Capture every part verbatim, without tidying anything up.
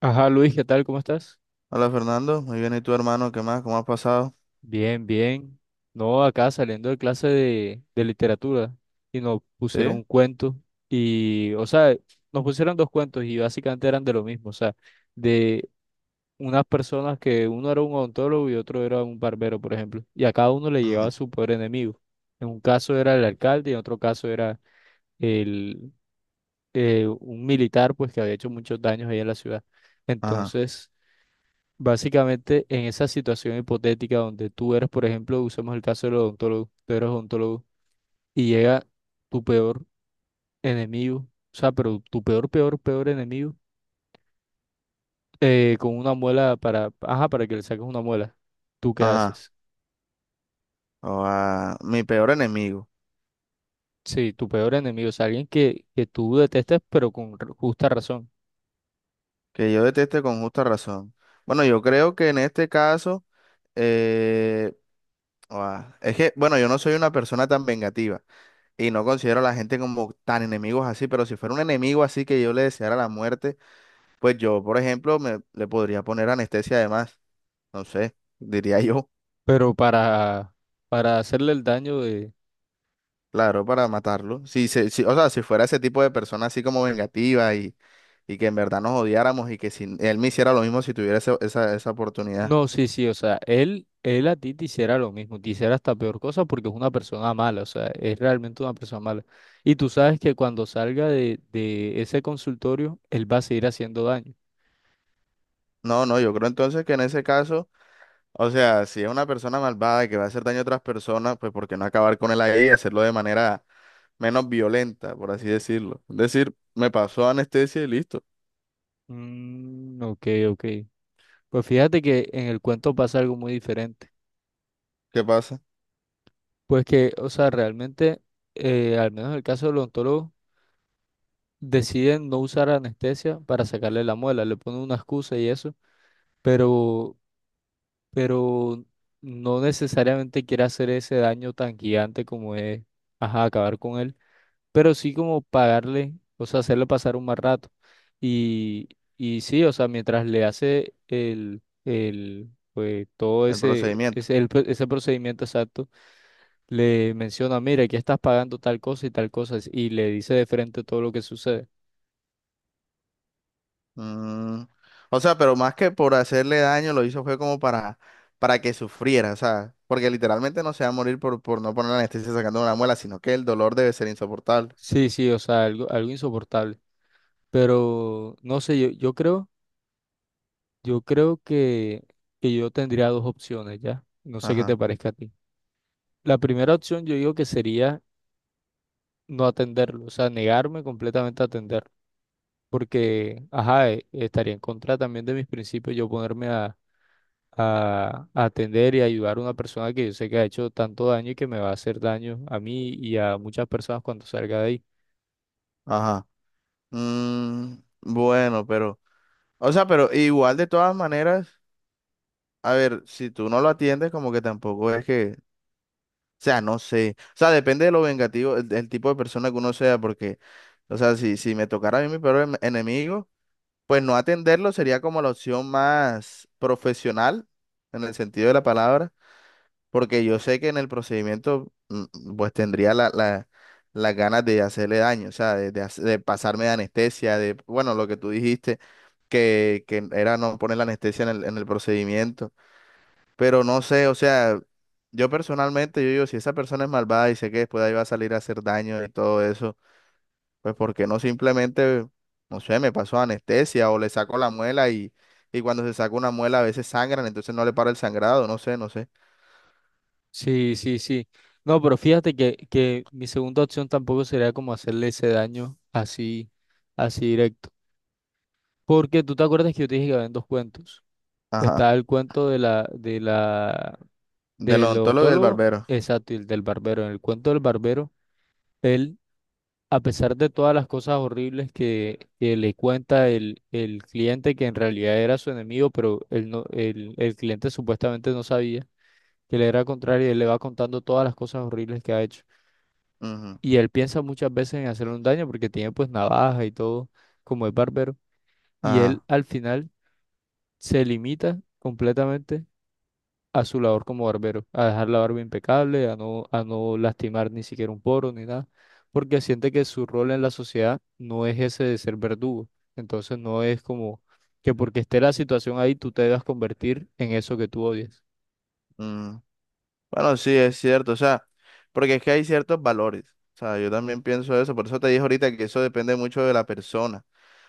Ajá, Luis, ¿qué tal? ¿Cómo estás? Hola Fernando, muy bien, ¿y tu hermano? ¿Qué más? ¿Cómo has pasado? Bien, bien. No, acá saliendo de clase de, de literatura y nos pusieron ¿Sí? un cuento y, o sea, nos pusieron dos cuentos y básicamente eran de lo mismo, o sea, de unas personas que uno era un odontólogo y otro era un barbero, por ejemplo, y a cada uno le llegaba Ujú. su peor enemigo. En un caso era el alcalde y en otro caso era el, eh, un militar, pues que había hecho muchos daños ahí en la ciudad. Ajá, Entonces... Básicamente, en esa situación hipotética donde tú eres, por ejemplo, usemos el caso del odontólogo, tú eres odontólogo y llega tu peor enemigo, o sea, pero tu peor, peor, peor enemigo, eh, con una muela para, ajá, para que le saques una muela, ¿tú qué ajá. haces? O a mi peor enemigo, Sí, tu peor enemigo, o sea, alguien que, que tú detestes, pero con r- justa razón, que yo deteste con justa razón. Bueno, yo creo que en este caso, eh, o a- es que, bueno, yo no soy una persona tan vengativa y no considero a la gente como tan enemigos así, pero si fuera un enemigo así que yo le deseara la muerte, pues yo, por ejemplo, me, le podría poner anestesia además, no sé, diría yo. pero para, para hacerle el daño. Claro, para matarlo. Si se, si- O sea, si fuera ese tipo de persona así como vengativa y, y que en verdad nos odiáramos y que si él me hiciera lo mismo si tuviera ese- esa, esa oportunidad. No, sí, sí, o sea, él, él a ti te hiciera lo mismo, te hiciera hasta peor cosa porque es una persona mala, o sea, es realmente una persona mala. Y tú sabes que cuando salga de, de ese consultorio, él va a seguir haciendo daño. No, no, yo creo entonces que en ese caso, o sea, si es una persona malvada y que va a hacer daño a otras personas, pues ¿por qué no acabar con él ahí y hacerlo de manera menos violenta, por así decirlo? Es decir, me pasó anestesia y listo. Mm, ok, ok. Pues fíjate que en el cuento pasa algo muy diferente. ¿Qué pasa? Pues que, o sea, realmente, eh, al menos en el caso del odontólogo, deciden no usar anestesia para sacarle la muela, le ponen una excusa y eso, pero pero no necesariamente quiere hacer ese daño tan gigante como es, ajá, acabar con él, pero sí como pagarle, o sea, hacerle pasar un mal rato. Y, y sí, o sea, mientras le hace el, el, pues todo El ese, procedimiento. ese, el pro- ese procedimiento exacto, le menciona, mira, aquí estás pagando tal cosa y tal cosa, y le dice de frente todo lo que sucede. Mm, o sea, pero más que por hacerle daño, lo hizo fue como para, para que sufriera, o sea, porque literalmente no se va a morir por, por no poner la anestesia sacando una muela, sino que el dolor debe ser insoportable. Sí, sí, o sea, algo, algo insoportable. Pero no sé, yo, yo creo. Yo creo que, que yo tendría dos opciones ya. No sé qué te Ajá. parezca a ti. La primera opción yo digo que sería no atenderlo, o sea, negarme completamente a atenderlo. Porque, ajá, eh, estaría en contra también de mis principios yo ponerme a, a- a atender y ayudar a una persona que yo sé que ha hecho tanto daño y que me va a hacer daño a mí y a muchas personas cuando salga de ahí. Ajá. Mm, bueno, pero, o sea, pero igual de todas maneras, a ver, si tú no lo atiendes, como que tampoco es que, o sea, no sé, o sea, depende de lo vengativo, el, el tipo de persona que uno sea, porque, o sea, si, si me tocara a mí mi peor en- enemigo, pues no atenderlo sería como la opción más profesional, en el sentido de la palabra. Porque yo sé que en el procedimiento mm, pues tendría la, la- las ganas de hacerle daño, o sea, de, de hace- de pasarme de anestesia, de, bueno, lo que tú dijiste, que, que era no poner la anestesia en el, en el procedimiento, pero no sé, o sea, yo personalmente, yo digo, si esa persona es malvada y sé que después de ahí va a salir a hacer daño y todo eso, pues ¿por qué no simplemente, no sé, me pasó anestesia o le saco la muela y, y cuando se saca una muela a veces sangran, entonces no le para el sangrado, no sé, no sé. Sí, sí, sí. No, pero fíjate que, que mi segunda opción tampoco sería como hacerle ese daño así, así directo. Porque tú te acuerdas que yo te dije que habían dos cuentos. Ajá. Está el cuento de la, de la, Del del odontólogo y del odontólogo, barbero. exacto, y el del barbero. En el cuento del barbero, él, a pesar de todas las cosas horribles que, que le cuenta el, el cliente, que en realidad era su enemigo, pero él no, el, el cliente supuestamente no sabía que le era contrario y él le va contando todas las cosas horribles que ha hecho. Ujú. Y él piensa muchas veces en hacerle un daño porque tiene pues navaja y todo, como es barbero. Y él Ajá. al final se limita completamente a su labor como barbero, a dejar la barba impecable, a no, a no lastimar ni siquiera un poro ni nada, porque siente que su rol en la sociedad no es ese de ser verdugo. Entonces no es como que porque esté la situación ahí, tú te debas convertir en eso que tú odias. Mm. Bueno, sí, es cierto. O sea, porque es que hay ciertos valores. O sea, yo también pienso eso. Por eso te dije ahorita que eso depende mucho de la persona.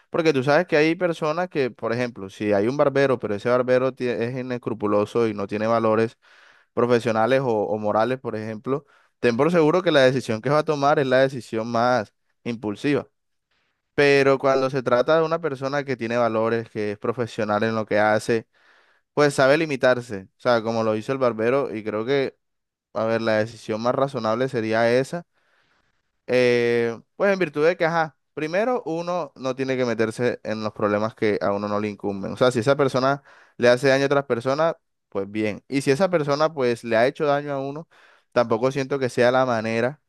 Porque tú sabes que hay personas que, por ejemplo, si hay un barbero, pero ese barbero tie- es inescrupuloso y no tiene valores profesionales o, o morales, por ejemplo, ten por seguro que la decisión que va a tomar es la decisión más impulsiva. Pero cuando se trata de una persona que tiene valores, que es profesional en lo que hace, pues sabe limitarse, o sea, como lo hizo el barbero, y creo que, a ver, la decisión más razonable sería esa. Eh, pues en virtud de que, ajá, primero uno no tiene que meterse en los problemas que a uno no le incumben. O sea, si esa persona le hace daño a otras personas, pues bien. Y si esa persona, pues, le ha hecho daño a uno, tampoco siento que sea la manera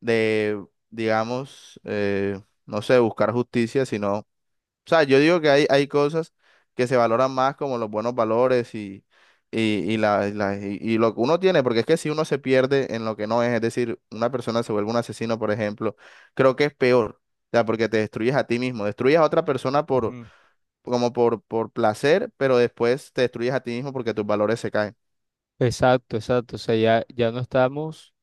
de, digamos, eh, no sé, buscar justicia, sino o sea, yo digo que hay, hay cosas que se valoran más como los buenos valores y, y, y la, y, la- y- y lo que uno tiene, porque es que si uno se pierde en lo que no es, es decir, una persona se vuelve un asesino, por ejemplo, creo que es peor, o sea, porque te destruyes a ti mismo, destruyes a otra persona por, Ujú. como por, por placer, pero después te destruyes a ti mismo porque tus valores se caen. Exacto, exacto. O sea, ya, ya no estamos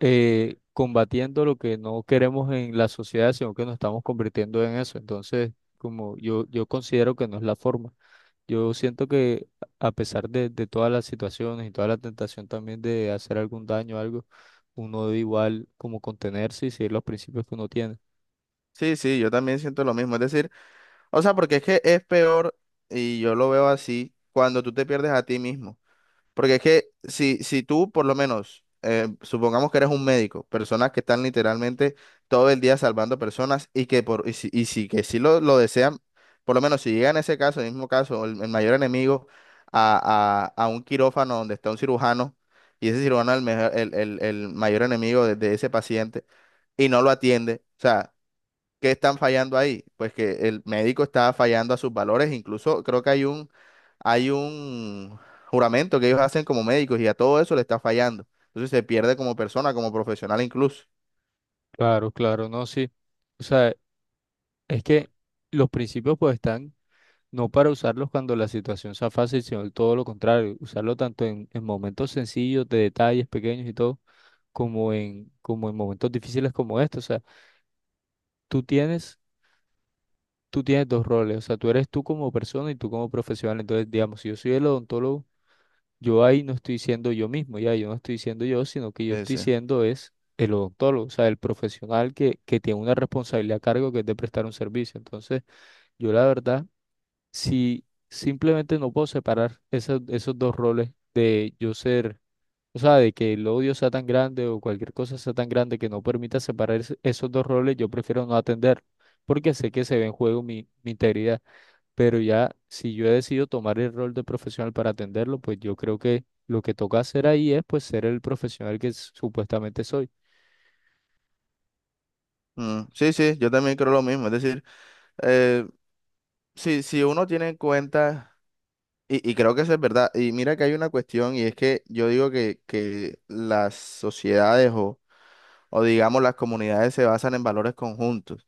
eh, combatiendo lo que no queremos en la sociedad, sino que nos estamos convirtiendo en eso. Entonces, como yo, yo considero que no es la forma. Yo siento que a pesar de, de todas las situaciones y toda la tentación también de hacer algún daño o algo, uno debe igual como contenerse y seguir los principios que uno tiene. Sí, sí, yo también siento lo mismo, es decir, o sea, porque es que es peor y yo lo veo así cuando tú te pierdes a ti mismo. Porque es que si, si tú, por lo menos, eh, supongamos que eres un médico, personas que están literalmente todo el día salvando personas y que por, y si, y si que sí lo, lo desean, por lo menos si llegan ese caso, el mismo caso, el, el mayor enemigo a, a, a un quirófano donde está un cirujano y ese cirujano es el, mejor- el, el- el mayor enemigo de de ese paciente y no lo atiende. O sea, ¿qué están fallando ahí? Pues que el médico está fallando a sus valores, incluso creo que hay un, hay un juramento que ellos hacen como médicos y a todo eso le está fallando. Entonces se pierde como persona, como profesional incluso. Claro, claro, no, sí. O sea, es que los principios pues están no para usarlos cuando la situación sea fácil, sino todo lo contrario, usarlo tanto en, en momentos sencillos, de detalles pequeños y todo, como en, como en momentos difíciles como estos. O sea, tú tienes tú tienes dos roles, o sea, tú eres tú como persona y tú como profesional. Entonces, digamos, si yo soy el odontólogo, yo ahí no estoy siendo yo mismo, ya, yo no estoy siendo yo, sino que yo Sí, estoy sí. siendo es el odontólogo, o sea, el profesional que, que tiene una responsabilidad a cargo que es de prestar un servicio. Entonces, yo la verdad, si simplemente no puedo separar esos, esos dos roles de yo ser, o sea, de que el odio sea tan grande o cualquier cosa sea tan grande que no permita separar es- esos dos roles, yo prefiero no atender, porque sé que se ve en juego mi mi integridad, pero ya si yo he decidido tomar el rol de profesional para atenderlo, pues yo creo que lo que toca hacer ahí es pues ser el profesional que s- supuestamente soy. Mm, sí, sí, yo también creo lo mismo. Es decir, eh, si, si uno tiene en cuenta, y, y creo que eso es verdad, y mira que hay una cuestión, y es que yo digo que, que las sociedades o, o digamos las comunidades se basan en valores conjuntos.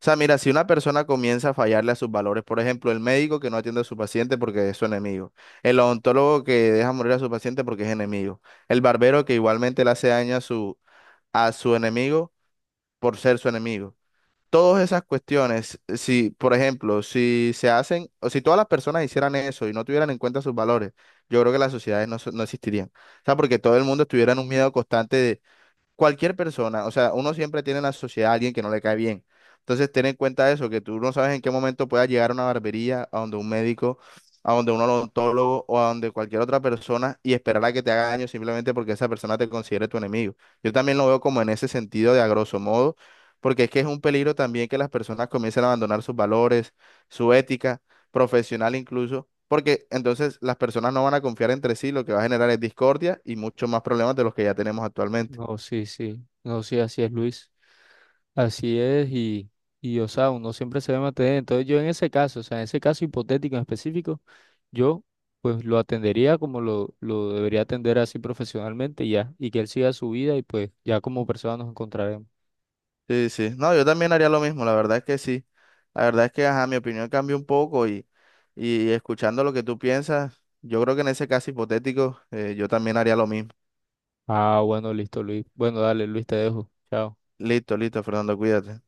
O sea, mira, si una persona comienza a fallarle a sus valores, por ejemplo, el médico que no atiende a su paciente porque es su enemigo, el odontólogo que deja morir a su paciente porque es enemigo, el barbero que igualmente le hace daño a su, a su enemigo por ser su enemigo. Todas esas cuestiones, si, por ejemplo, si se hacen, o si todas las personas hicieran eso y no tuvieran en cuenta sus valores, yo creo que las sociedades no, so- no existirían. O sea, porque todo el mundo estuviera en un miedo constante de cualquier persona, o sea, uno siempre tiene en la sociedad a alguien que no le cae bien. Entonces, ten en cuenta eso, que tú no sabes en qué momento puedas llegar a una barbería, a donde un médico, a donde un odontólogo o a donde cualquier otra persona y esperar a que te haga daño simplemente porque esa persona te considere tu enemigo. Yo también lo veo como en ese sentido de a grosso modo, porque es que es un peligro también que las personas comiencen a abandonar sus valores, su ética profesional incluso. Porque entonces las personas no van a confiar entre sí, lo que va a generar es discordia y muchos más problemas de los que ya tenemos actualmente. No, sí, sí, no, sí, así es Luis, así es y, y o sea, uno siempre se debe mantener. Entonces yo en ese caso, o sea, en ese caso hipotético en específico, yo pues lo atendería como lo, lo debería atender así profesionalmente y ya, y que él siga su vida y pues ya como persona nos encontraremos. Sí, sí. No, yo también haría lo mismo, la verdad es que sí. La verdad es que, ajá, mi opinión cambió un poco y, y escuchando lo que tú piensas, yo creo que en ese caso hipotético, eh, yo también haría lo mismo. Ah, bueno, listo Luis. Bueno, dale Luis, te dejo. Chao. Listo, listo, Fernando, cuídate.